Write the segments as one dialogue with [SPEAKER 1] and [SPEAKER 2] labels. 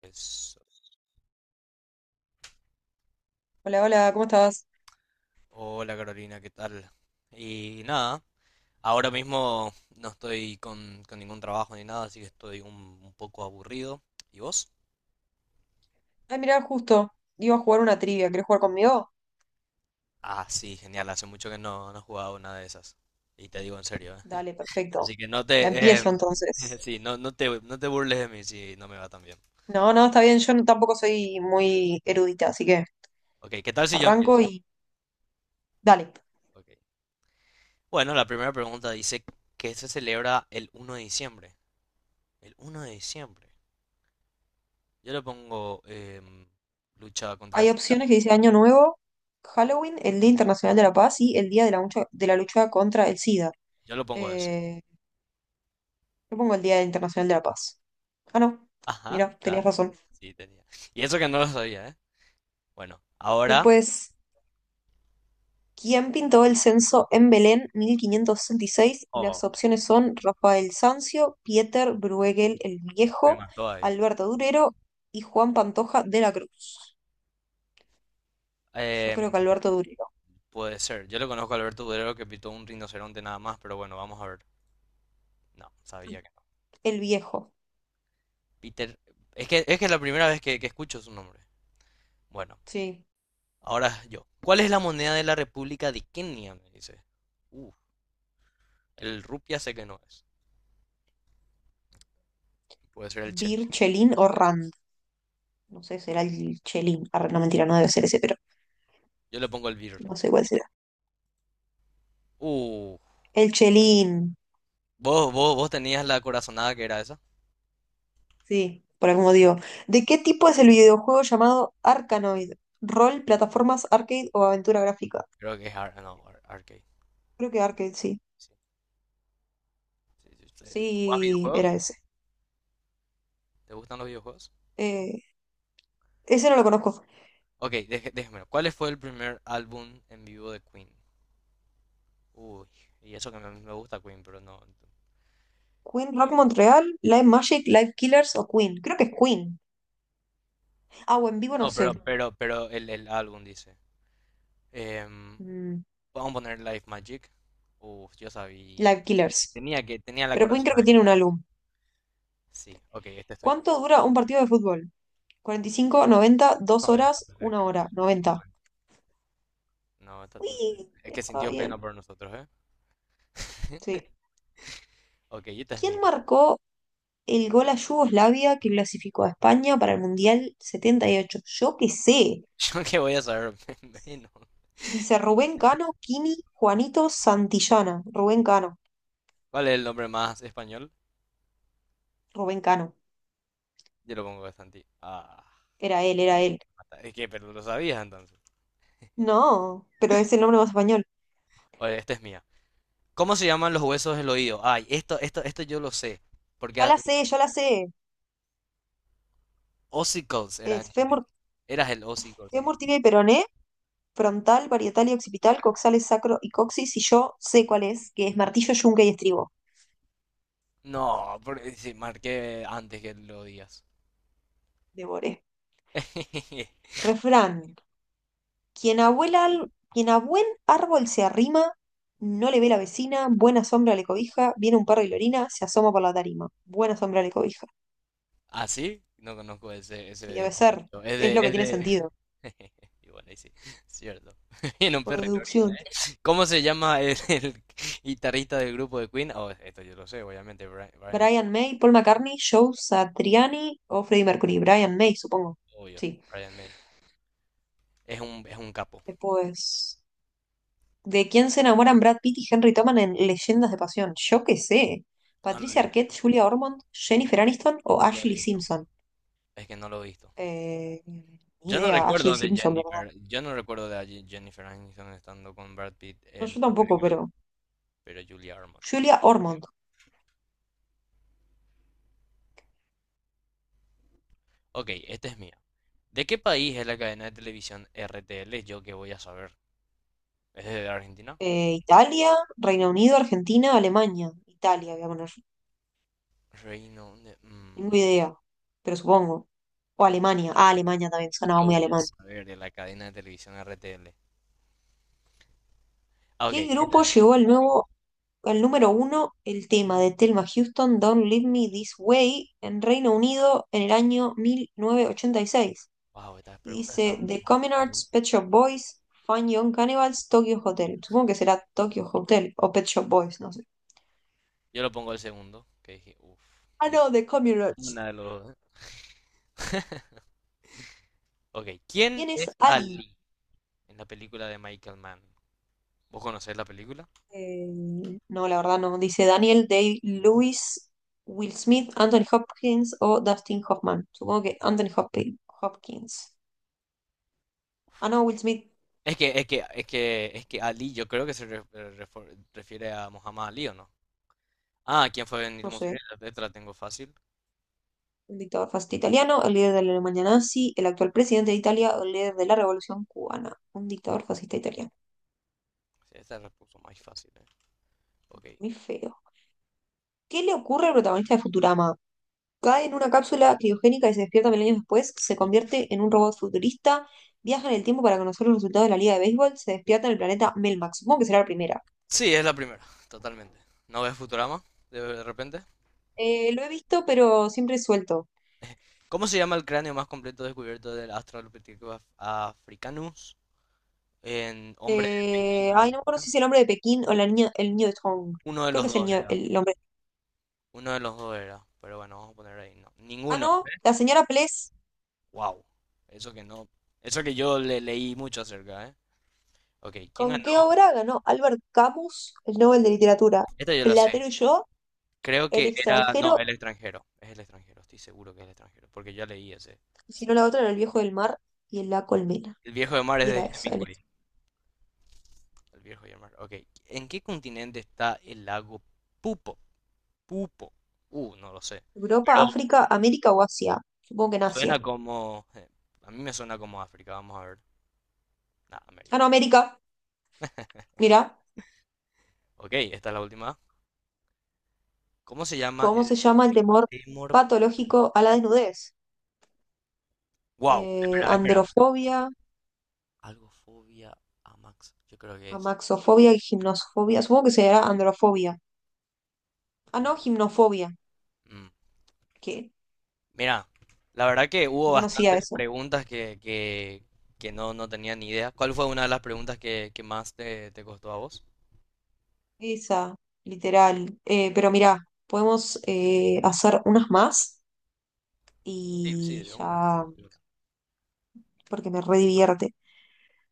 [SPEAKER 1] Pues,
[SPEAKER 2] Hola, hola, ¿cómo estás?
[SPEAKER 1] hola Carolina, ¿qué tal? Y nada, ahora mismo no estoy con ningún trabajo ni nada, así que estoy un poco aburrido. ¿Y vos?
[SPEAKER 2] Ay, mirá, justo, iba a jugar una trivia. ¿Querés jugar conmigo?
[SPEAKER 1] Ah, sí, genial, hace mucho que no he jugado una de esas. Y te digo en serio, ¿eh?
[SPEAKER 2] Dale, perfecto.
[SPEAKER 1] Así que no
[SPEAKER 2] La
[SPEAKER 1] te...
[SPEAKER 2] empiezo entonces.
[SPEAKER 1] sí, no, no te burles de mí si no me va tan bien.
[SPEAKER 2] No, no, está bien, yo no- tampoco soy muy erudita, así que
[SPEAKER 1] Ok, ¿qué tal si yo
[SPEAKER 2] arranco
[SPEAKER 1] empiezo?
[SPEAKER 2] y dale.
[SPEAKER 1] Ok. Bueno, la primera pregunta dice que se celebra el uno de diciembre. El uno de diciembre. Yo le pongo lucha contra el
[SPEAKER 2] Hay opciones
[SPEAKER 1] SIDA.
[SPEAKER 2] que dice Año Nuevo, Halloween, el Día Internacional de la Paz y el Día de la Lucha, contra el SIDA.
[SPEAKER 1] Yo lo pongo eso.
[SPEAKER 2] Eh, yo pongo el Día Internacional de la Paz. Ah, no,
[SPEAKER 1] Ajá,
[SPEAKER 2] mira, tenías
[SPEAKER 1] ya.
[SPEAKER 2] razón.
[SPEAKER 1] Sí, tenía. Y eso que no lo sabía, ¿eh? Bueno, ahora.
[SPEAKER 2] Después, ¿quién pintó el censo en Belén 1566? Y las
[SPEAKER 1] Oh,
[SPEAKER 2] opciones son Rafael Sanzio, Pieter Bruegel el
[SPEAKER 1] es que me
[SPEAKER 2] Viejo,
[SPEAKER 1] mató ahí.
[SPEAKER 2] Alberto Durero y Juan Pantoja de la Cruz. Yo
[SPEAKER 1] Em,
[SPEAKER 2] creo que Alberto Durero.
[SPEAKER 1] Puede ser. Yo le conozco a Alberto Durero que pitó un rinoceronte nada más, pero bueno, vamos a ver. No, sabía que no.
[SPEAKER 2] El Viejo.
[SPEAKER 1] Peter. Es que es la primera vez que escucho su nombre. Bueno,
[SPEAKER 2] Sí.
[SPEAKER 1] ahora yo. ¿Cuál es la moneda de la República de Kenia? Me dice. Uh, el rupia sé que no es. Puede ser el chel.
[SPEAKER 2] Bir Chelín o Rand. No sé, será el Chelín. Arre, no, mentira, no debe ser ese, pero
[SPEAKER 1] Yo le pongo el birr.
[SPEAKER 2] no sé cuál será.
[SPEAKER 1] Uh,
[SPEAKER 2] El Chelín.
[SPEAKER 1] ¿vos tenías la corazonada que era esa?
[SPEAKER 2] Sí, por algún digo. ¿De qué tipo es el videojuego llamado Arkanoid? ¿Rol, plataformas, arcade o aventura gráfica?
[SPEAKER 1] Creo que es ar- no, ar- arcade.
[SPEAKER 2] Creo que arcade, sí.
[SPEAKER 1] Sí. Sí, sí, sí. ¿Jugás
[SPEAKER 2] Sí,
[SPEAKER 1] videojuegos?
[SPEAKER 2] era ese.
[SPEAKER 1] ¿Te gustan los videojuegos?
[SPEAKER 2] Eh, Ese no lo conozco.
[SPEAKER 1] Ok, déjemelo. ¿Cuál fue el primer álbum en vivo de Queen? Uy, y eso que me gusta Queen, pero no.
[SPEAKER 2] Queen, Rock Montreal, Live Magic, Live Killers o Queen. Creo que es Queen. Ah, o en vivo no
[SPEAKER 1] No,
[SPEAKER 2] sé.
[SPEAKER 1] pero el álbum dice. Em,
[SPEAKER 2] Mm,
[SPEAKER 1] vamos a poner Life Magic. Uf, yo sabía.
[SPEAKER 2] Live
[SPEAKER 1] Sí,
[SPEAKER 2] Killers.
[SPEAKER 1] Tenía la
[SPEAKER 2] Pero Queen creo que
[SPEAKER 1] corazonada que
[SPEAKER 2] tiene un
[SPEAKER 1] era.
[SPEAKER 2] álbum.
[SPEAKER 1] Sí, ok, este es tuyo.
[SPEAKER 2] ¿Cuánto dura un partido de fútbol? 45, 90, dos
[SPEAKER 1] 90,
[SPEAKER 2] horas,
[SPEAKER 1] pues, es
[SPEAKER 2] una
[SPEAKER 1] que...
[SPEAKER 2] hora, 90.
[SPEAKER 1] No, esta tu...
[SPEAKER 2] Uy,
[SPEAKER 1] Es que
[SPEAKER 2] estaba
[SPEAKER 1] sintió pena
[SPEAKER 2] bien.
[SPEAKER 1] por nosotros, ¿eh?
[SPEAKER 2] Sí.
[SPEAKER 1] Ok, esta es
[SPEAKER 2] ¿Quién
[SPEAKER 1] mía.
[SPEAKER 2] marcó el gol a Yugoslavia que clasificó a España para el Mundial 78? Yo qué sé.
[SPEAKER 1] Yo que voy a saber menos.
[SPEAKER 2] Dice Rubén Cano, Kini, Juanito Santillana. Rubén Cano.
[SPEAKER 1] ¿Cuál es el nombre más español?
[SPEAKER 2] Rubén Cano.
[SPEAKER 1] Yo lo pongo bastante. Ah,
[SPEAKER 2] Era él, era él.
[SPEAKER 1] es que, pero lo sabías entonces.
[SPEAKER 2] No, pero es el nombre más español.
[SPEAKER 1] Oye, esta es mía. ¿Cómo se llaman los huesos del oído? Ay, esto yo lo sé. Porque
[SPEAKER 2] Ya
[SPEAKER 1] a-
[SPEAKER 2] la sé, ya la sé.
[SPEAKER 1] ossicles era en
[SPEAKER 2] Es
[SPEAKER 1] inglés.
[SPEAKER 2] fémur,
[SPEAKER 1] Eras el ossicles en
[SPEAKER 2] fémur,
[SPEAKER 1] inglés.
[SPEAKER 2] tibia y peroné, frontal, parietal y occipital, coxales, sacro y coxis. Y yo sé cuál es, que es martillo, yunque y estribo.
[SPEAKER 1] No, porque sí, marqué antes que lo digas.
[SPEAKER 2] Devoré. Refrán. Quien a buen árbol se arrima, no le ve la vecina, buena sombra le cobija, viene un perro y lo orina, se asoma por la tarima. Buena sombra le cobija.
[SPEAKER 1] ¿Así? No conozco ese,
[SPEAKER 2] Y
[SPEAKER 1] ese,
[SPEAKER 2] debe
[SPEAKER 1] ese
[SPEAKER 2] ser,
[SPEAKER 1] dicho.
[SPEAKER 2] es lo que
[SPEAKER 1] Es
[SPEAKER 2] tiene
[SPEAKER 1] de...
[SPEAKER 2] sentido,
[SPEAKER 1] Y bueno, ahí sí, cierto. En un
[SPEAKER 2] por
[SPEAKER 1] perro y orina,
[SPEAKER 2] deducción.
[SPEAKER 1] ¿eh? ¿Cómo se llama el guitarrista del grupo de Queen? Oh, esto yo lo sé, obviamente,
[SPEAKER 2] Brian May, Paul McCartney, Joe Satriani o Freddie Mercury. Brian May, supongo.
[SPEAKER 1] obvio,
[SPEAKER 2] Sí.
[SPEAKER 1] Brian May. Es es un capo.
[SPEAKER 2] Después, ¿de quién se enamoran Brad Pitt y Henry Toman en Leyendas de Pasión? Yo qué sé.
[SPEAKER 1] No lo he
[SPEAKER 2] Patricia
[SPEAKER 1] visto,
[SPEAKER 2] Arquette, Julia Ormond, Jennifer Aniston o
[SPEAKER 1] no lo he
[SPEAKER 2] Ashley
[SPEAKER 1] visto.
[SPEAKER 2] Simpson.
[SPEAKER 1] Es que no lo he visto.
[SPEAKER 2] Eh, Ni
[SPEAKER 1] Yo no
[SPEAKER 2] idea, Ashley
[SPEAKER 1] recuerdo de
[SPEAKER 2] Simpson, me.
[SPEAKER 1] Jennifer. Yo no recuerdo Jennifer Aniston estando con Brad Pitt
[SPEAKER 2] No,
[SPEAKER 1] en.
[SPEAKER 2] yo tampoco, pero.
[SPEAKER 1] Pero Julia Ormond.
[SPEAKER 2] Julia Ormond.
[SPEAKER 1] Ok, esta es mía. ¿De qué país es la cadena de televisión RTL? Yo que voy a saber. ¿Es de Argentina?
[SPEAKER 2] Italia, Reino Unido, Argentina, Alemania. Italia, voy a poner.
[SPEAKER 1] Reino de...
[SPEAKER 2] Tengo idea, pero supongo. O Alemania. Ah, Alemania también,
[SPEAKER 1] ¿y
[SPEAKER 2] sonaba
[SPEAKER 1] yo
[SPEAKER 2] muy
[SPEAKER 1] voy a
[SPEAKER 2] alemán.
[SPEAKER 1] saber de la cadena de televisión RTL? Ah, ok.
[SPEAKER 2] ¿Qué grupo llevó al nuevo, al número uno el tema de Thelma Houston, Don't Leave Me This Way, en Reino Unido en el año 1986?
[SPEAKER 1] Wow, estas
[SPEAKER 2] Y
[SPEAKER 1] preguntas
[SPEAKER 2] seis?
[SPEAKER 1] están
[SPEAKER 2] Y dice The Common
[SPEAKER 1] mortales.
[SPEAKER 2] Arts, Pet Shop Boys, Fun Young Cannibals, Tokyo Hotel. Supongo que será Tokyo Hotel o Pet Shop Boys, no sé.
[SPEAKER 1] Yo lo pongo el segundo, que dije, uff,
[SPEAKER 2] Ah,
[SPEAKER 1] ni
[SPEAKER 2] no, The Common Arts.
[SPEAKER 1] una de los dos. Ok, ¿quién
[SPEAKER 2] ¿Quién es
[SPEAKER 1] es
[SPEAKER 2] Ali?
[SPEAKER 1] Ali? En la película de Michael Mann. ¿Vos conocés la película?
[SPEAKER 2] Eh, no, la verdad no. Dice Daniel Day-Lewis, Will Smith, Anthony Hopkins o Dustin Hoffman. Supongo que Anthony Hopkins. Hopkins. Ah, no, Will Smith.
[SPEAKER 1] Es que Ali, yo creo que se refiere a Muhammad Ali, ¿o no? Ah, ¿quién fue Benito
[SPEAKER 2] No sé.
[SPEAKER 1] Mussolini? Esta la tengo fácil.
[SPEAKER 2] Un dictador fascista italiano, el líder de la Alemania nazi, el actual presidente de Italia o el líder de la Revolución cubana. Un dictador fascista italiano.
[SPEAKER 1] Sí, esta la puso más fácil, eh. Ok.
[SPEAKER 2] Muy feo. ¿Qué le ocurre al protagonista de Futurama? Cae en una cápsula criogénica y se despierta 1000 años después, se
[SPEAKER 1] Sí.
[SPEAKER 2] convierte en un robot futurista, viaja en el tiempo para conocer los resultados de la Liga de Béisbol, se despierta en el planeta Melmac. Supongo que será la primera.
[SPEAKER 1] Sí, es la primera, totalmente. ¿No ves Futurama? De repente.
[SPEAKER 2] Lo he visto, pero siempre suelto.
[SPEAKER 1] ¿Cómo se llama el cráneo más completo descubierto del Australopithecus africanus? En hombre de Pekín, creo
[SPEAKER 2] Ay,
[SPEAKER 1] que
[SPEAKER 2] no me acuerdo
[SPEAKER 1] era.
[SPEAKER 2] si es el hombre de Pekín o la niña, el niño de Tong.
[SPEAKER 1] Uno de
[SPEAKER 2] Creo
[SPEAKER 1] los
[SPEAKER 2] que es el
[SPEAKER 1] dos
[SPEAKER 2] niño,
[SPEAKER 1] era.
[SPEAKER 2] el hombre.
[SPEAKER 1] Uno de los dos era. Pero bueno, vamos a poner ahí. No.
[SPEAKER 2] Ah,
[SPEAKER 1] Ninguno.
[SPEAKER 2] no, la señora Pless.
[SPEAKER 1] Wow. Eso que no. Eso que yo le leí mucho acerca, ¿eh? Ok, ¿quién ganó?
[SPEAKER 2] ¿Con qué obra ganó Albert Camus el Nobel de Literatura?
[SPEAKER 1] Esta yo la sé.
[SPEAKER 2] Platero y yo,
[SPEAKER 1] Creo
[SPEAKER 2] El
[SPEAKER 1] que era. No,
[SPEAKER 2] extranjero,
[SPEAKER 1] el extranjero. Es el extranjero, estoy seguro que es el extranjero. Porque ya leí ese.
[SPEAKER 2] y si
[SPEAKER 1] Sí.
[SPEAKER 2] no la otra era El viejo del mar y en La colmena.
[SPEAKER 1] El viejo de mar es
[SPEAKER 2] Y
[SPEAKER 1] de
[SPEAKER 2] era esa, el-
[SPEAKER 1] Hemingway. El viejo de mar. Ok. ¿En qué continente está el lago Pupo? Pupo. No lo sé.
[SPEAKER 2] Europa,
[SPEAKER 1] Pero
[SPEAKER 2] África, América o Asia. Supongo que en Asia.
[SPEAKER 1] suena como. A mí me suena como África. Vamos a ver. Nah,
[SPEAKER 2] Ah,
[SPEAKER 1] América.
[SPEAKER 2] no, América. Mira,
[SPEAKER 1] Ok, esta es la última. ¿Cómo se llama
[SPEAKER 2] ¿cómo
[SPEAKER 1] el
[SPEAKER 2] se llama el temor
[SPEAKER 1] Timor?
[SPEAKER 2] patológico a la desnudez?
[SPEAKER 1] Wow. Espera, espera.
[SPEAKER 2] Androfobia,
[SPEAKER 1] Algo fobia a Max. Yo creo que es.
[SPEAKER 2] amaxofobia y gimnosofobia. Supongo que será androfobia. Ah,
[SPEAKER 1] Y-
[SPEAKER 2] no, gimnofobia.
[SPEAKER 1] mm,
[SPEAKER 2] ¿Qué?
[SPEAKER 1] Mira, la verdad que hubo
[SPEAKER 2] No conocía
[SPEAKER 1] bastantes
[SPEAKER 2] eso.
[SPEAKER 1] preguntas que no, no tenía ni idea. ¿Cuál fue una de las preguntas que más te costó a vos?
[SPEAKER 2] Esa, literal. Pero mirá, podemos hacer unas más
[SPEAKER 1] Sí, sí,
[SPEAKER 2] y
[SPEAKER 1] de una.
[SPEAKER 2] ya,
[SPEAKER 1] De una.
[SPEAKER 2] porque me redivierte.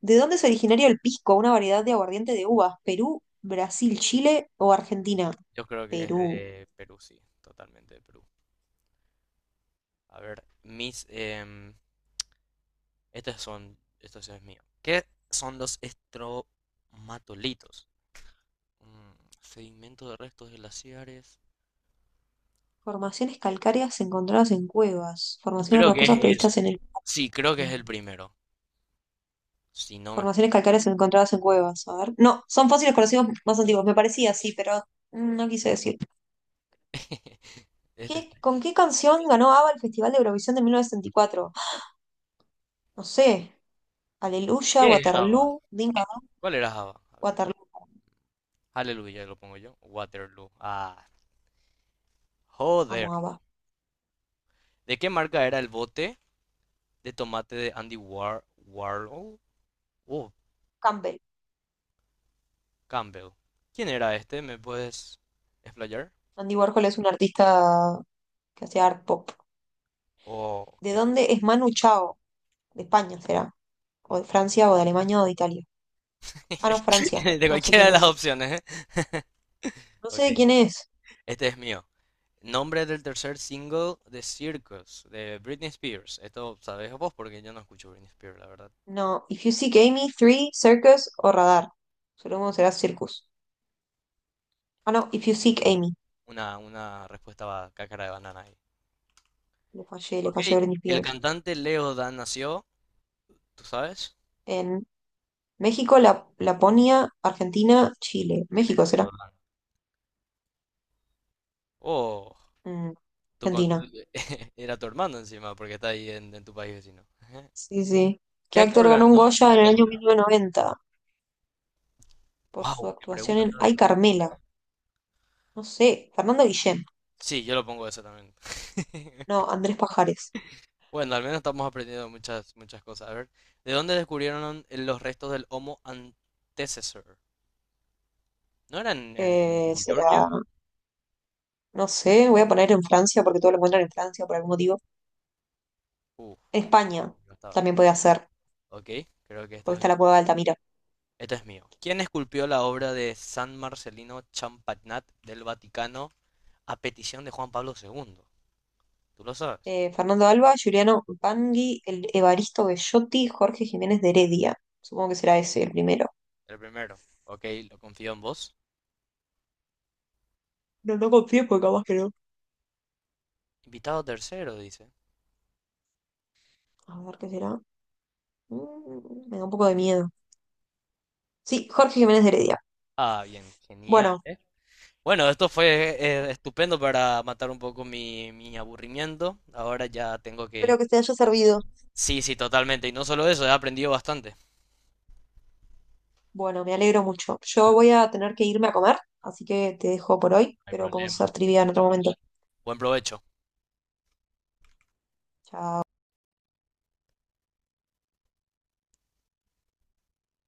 [SPEAKER 2] ¿De dónde es originario el pisco? Una variedad de aguardiente de uvas. ¿Perú, Brasil, Chile o Argentina?
[SPEAKER 1] Yo creo que es
[SPEAKER 2] Perú.
[SPEAKER 1] de Perú, sí, totalmente de Perú. A ver, mis... estos son... Esto sí es mío. ¿Qué son los estromatolitos? Mm, sedimento de restos glaciares.
[SPEAKER 2] Formaciones calcáreas encontradas en cuevas. Formaciones
[SPEAKER 1] Creo que es
[SPEAKER 2] rocosas
[SPEAKER 1] eso.
[SPEAKER 2] previstas en el
[SPEAKER 1] Sí, creo que es
[SPEAKER 2] Páramo.
[SPEAKER 1] el primero. Si no me estoy...
[SPEAKER 2] Formaciones calcáreas encontradas en cuevas. A ver. No, son fósiles conocidos más antiguos. Me parecía así, pero no quise decir.
[SPEAKER 1] Este es...
[SPEAKER 2] ¿Con qué canción ganó ABBA el Festival de Eurovisión de 1974? No sé, Aleluya,
[SPEAKER 1] ¿Qué es Java?
[SPEAKER 2] Waterloo, Dinka,
[SPEAKER 1] ¿Cuál era Java? A ver.
[SPEAKER 2] Waterloo,
[SPEAKER 1] Aleluya, lo pongo yo. Waterloo. Ah,
[SPEAKER 2] amo
[SPEAKER 1] joder.
[SPEAKER 2] ABBA.
[SPEAKER 1] ¿De qué marca era el bote de tomate de Andy Warhol? Oh,
[SPEAKER 2] Campbell,
[SPEAKER 1] Campbell. ¿Quién era este? ¿Me puedes explayar?
[SPEAKER 2] Andy Warhol es un artista que hacía art pop.
[SPEAKER 1] Oh,
[SPEAKER 2] ¿De
[SPEAKER 1] ok.
[SPEAKER 2] dónde es Manu Chao? De España será, o de Francia, o de Alemania, o de Italia. Ah, no, Francia,
[SPEAKER 1] De
[SPEAKER 2] no sé
[SPEAKER 1] cualquiera
[SPEAKER 2] quién
[SPEAKER 1] de
[SPEAKER 2] es.
[SPEAKER 1] las opciones, ¿eh?
[SPEAKER 2] No sé
[SPEAKER 1] Ok,
[SPEAKER 2] de quién es.
[SPEAKER 1] este es mío. Nombre del tercer single de Circus, de Britney Spears. Esto sabes vos porque yo no escucho Britney Spears, la verdad.
[SPEAKER 2] No, If You Seek Amy, Three, Circus o Radar. Supongo que será Circus. Ah, no, If You Seek Amy.
[SPEAKER 1] Una respuesta cáscara de banana ahí.
[SPEAKER 2] Le
[SPEAKER 1] Ok,
[SPEAKER 2] fallé a Britney
[SPEAKER 1] el
[SPEAKER 2] Spears.
[SPEAKER 1] cantante Leo Dan nació, ¿tú sabes?
[SPEAKER 2] En México, Laponia, Argentina, Chile.
[SPEAKER 1] ¿Quién es
[SPEAKER 2] México será.
[SPEAKER 1] Leo Dan? Oh,
[SPEAKER 2] Mm,
[SPEAKER 1] tu con-
[SPEAKER 2] Argentina.
[SPEAKER 1] tu- era tu hermano encima, porque está ahí en tu país vecino. Ajá.
[SPEAKER 2] Sí, sí. ¿Qué
[SPEAKER 1] ¿Qué actor
[SPEAKER 2] actor ganó un
[SPEAKER 1] ganó?
[SPEAKER 2] Goya en el año 1990 por su
[SPEAKER 1] Wow, qué
[SPEAKER 2] actuación
[SPEAKER 1] preguntas
[SPEAKER 2] en
[SPEAKER 1] tan
[SPEAKER 2] Ay
[SPEAKER 1] difíciles.
[SPEAKER 2] Carmela? No sé, Fernando Guillén.
[SPEAKER 1] Sí, yo lo pongo eso también.
[SPEAKER 2] No, Andrés Pajares.
[SPEAKER 1] Bueno, al menos estamos aprendiendo muchas cosas. A ver, ¿de dónde descubrieron los restos del Homo antecessor? ¿No eran en Georgia?
[SPEAKER 2] Será, no sé, voy a poner en Francia porque todo lo encuentran en Francia por algún motivo.
[SPEAKER 1] Uf,
[SPEAKER 2] En
[SPEAKER 1] uno
[SPEAKER 2] España
[SPEAKER 1] que no estaba.
[SPEAKER 2] también puede ser,
[SPEAKER 1] Ok, creo que
[SPEAKER 2] porque
[SPEAKER 1] esto
[SPEAKER 2] está
[SPEAKER 1] es.
[SPEAKER 2] la cueva de Altamira.
[SPEAKER 1] Este es mío. ¿Quién esculpió la obra de San Marcelino Champagnat del Vaticano a petición de Juan Pablo II? Tú lo sabes.
[SPEAKER 2] Fernando Alba, Juliano Bangui, el Evaristo Bellotti, Jorge Jiménez de Heredia. Supongo que será ese el primero.
[SPEAKER 1] El primero. Ok, lo confío en vos.
[SPEAKER 2] No, no confío porque capaz que no.
[SPEAKER 1] Invitado tercero, dice.
[SPEAKER 2] A ver qué será. Me da un poco de miedo. Sí, Jorge Jiménez de Heredia.
[SPEAKER 1] Ah, bien, genial,
[SPEAKER 2] Bueno.
[SPEAKER 1] ¿eh? Bueno, esto fue estupendo para matar un poco mi aburrimiento. Ahora ya tengo
[SPEAKER 2] Espero
[SPEAKER 1] que...
[SPEAKER 2] que te haya servido.
[SPEAKER 1] Sí, sí, totalmente. Y no solo eso, he aprendido bastante. No
[SPEAKER 2] Bueno, me alegro mucho. Yo voy a tener que irme a comer, así que te dejo por hoy,
[SPEAKER 1] hay
[SPEAKER 2] pero podemos
[SPEAKER 1] problema.
[SPEAKER 2] hacer trivia en otro momento.
[SPEAKER 1] Buen provecho.
[SPEAKER 2] Chao.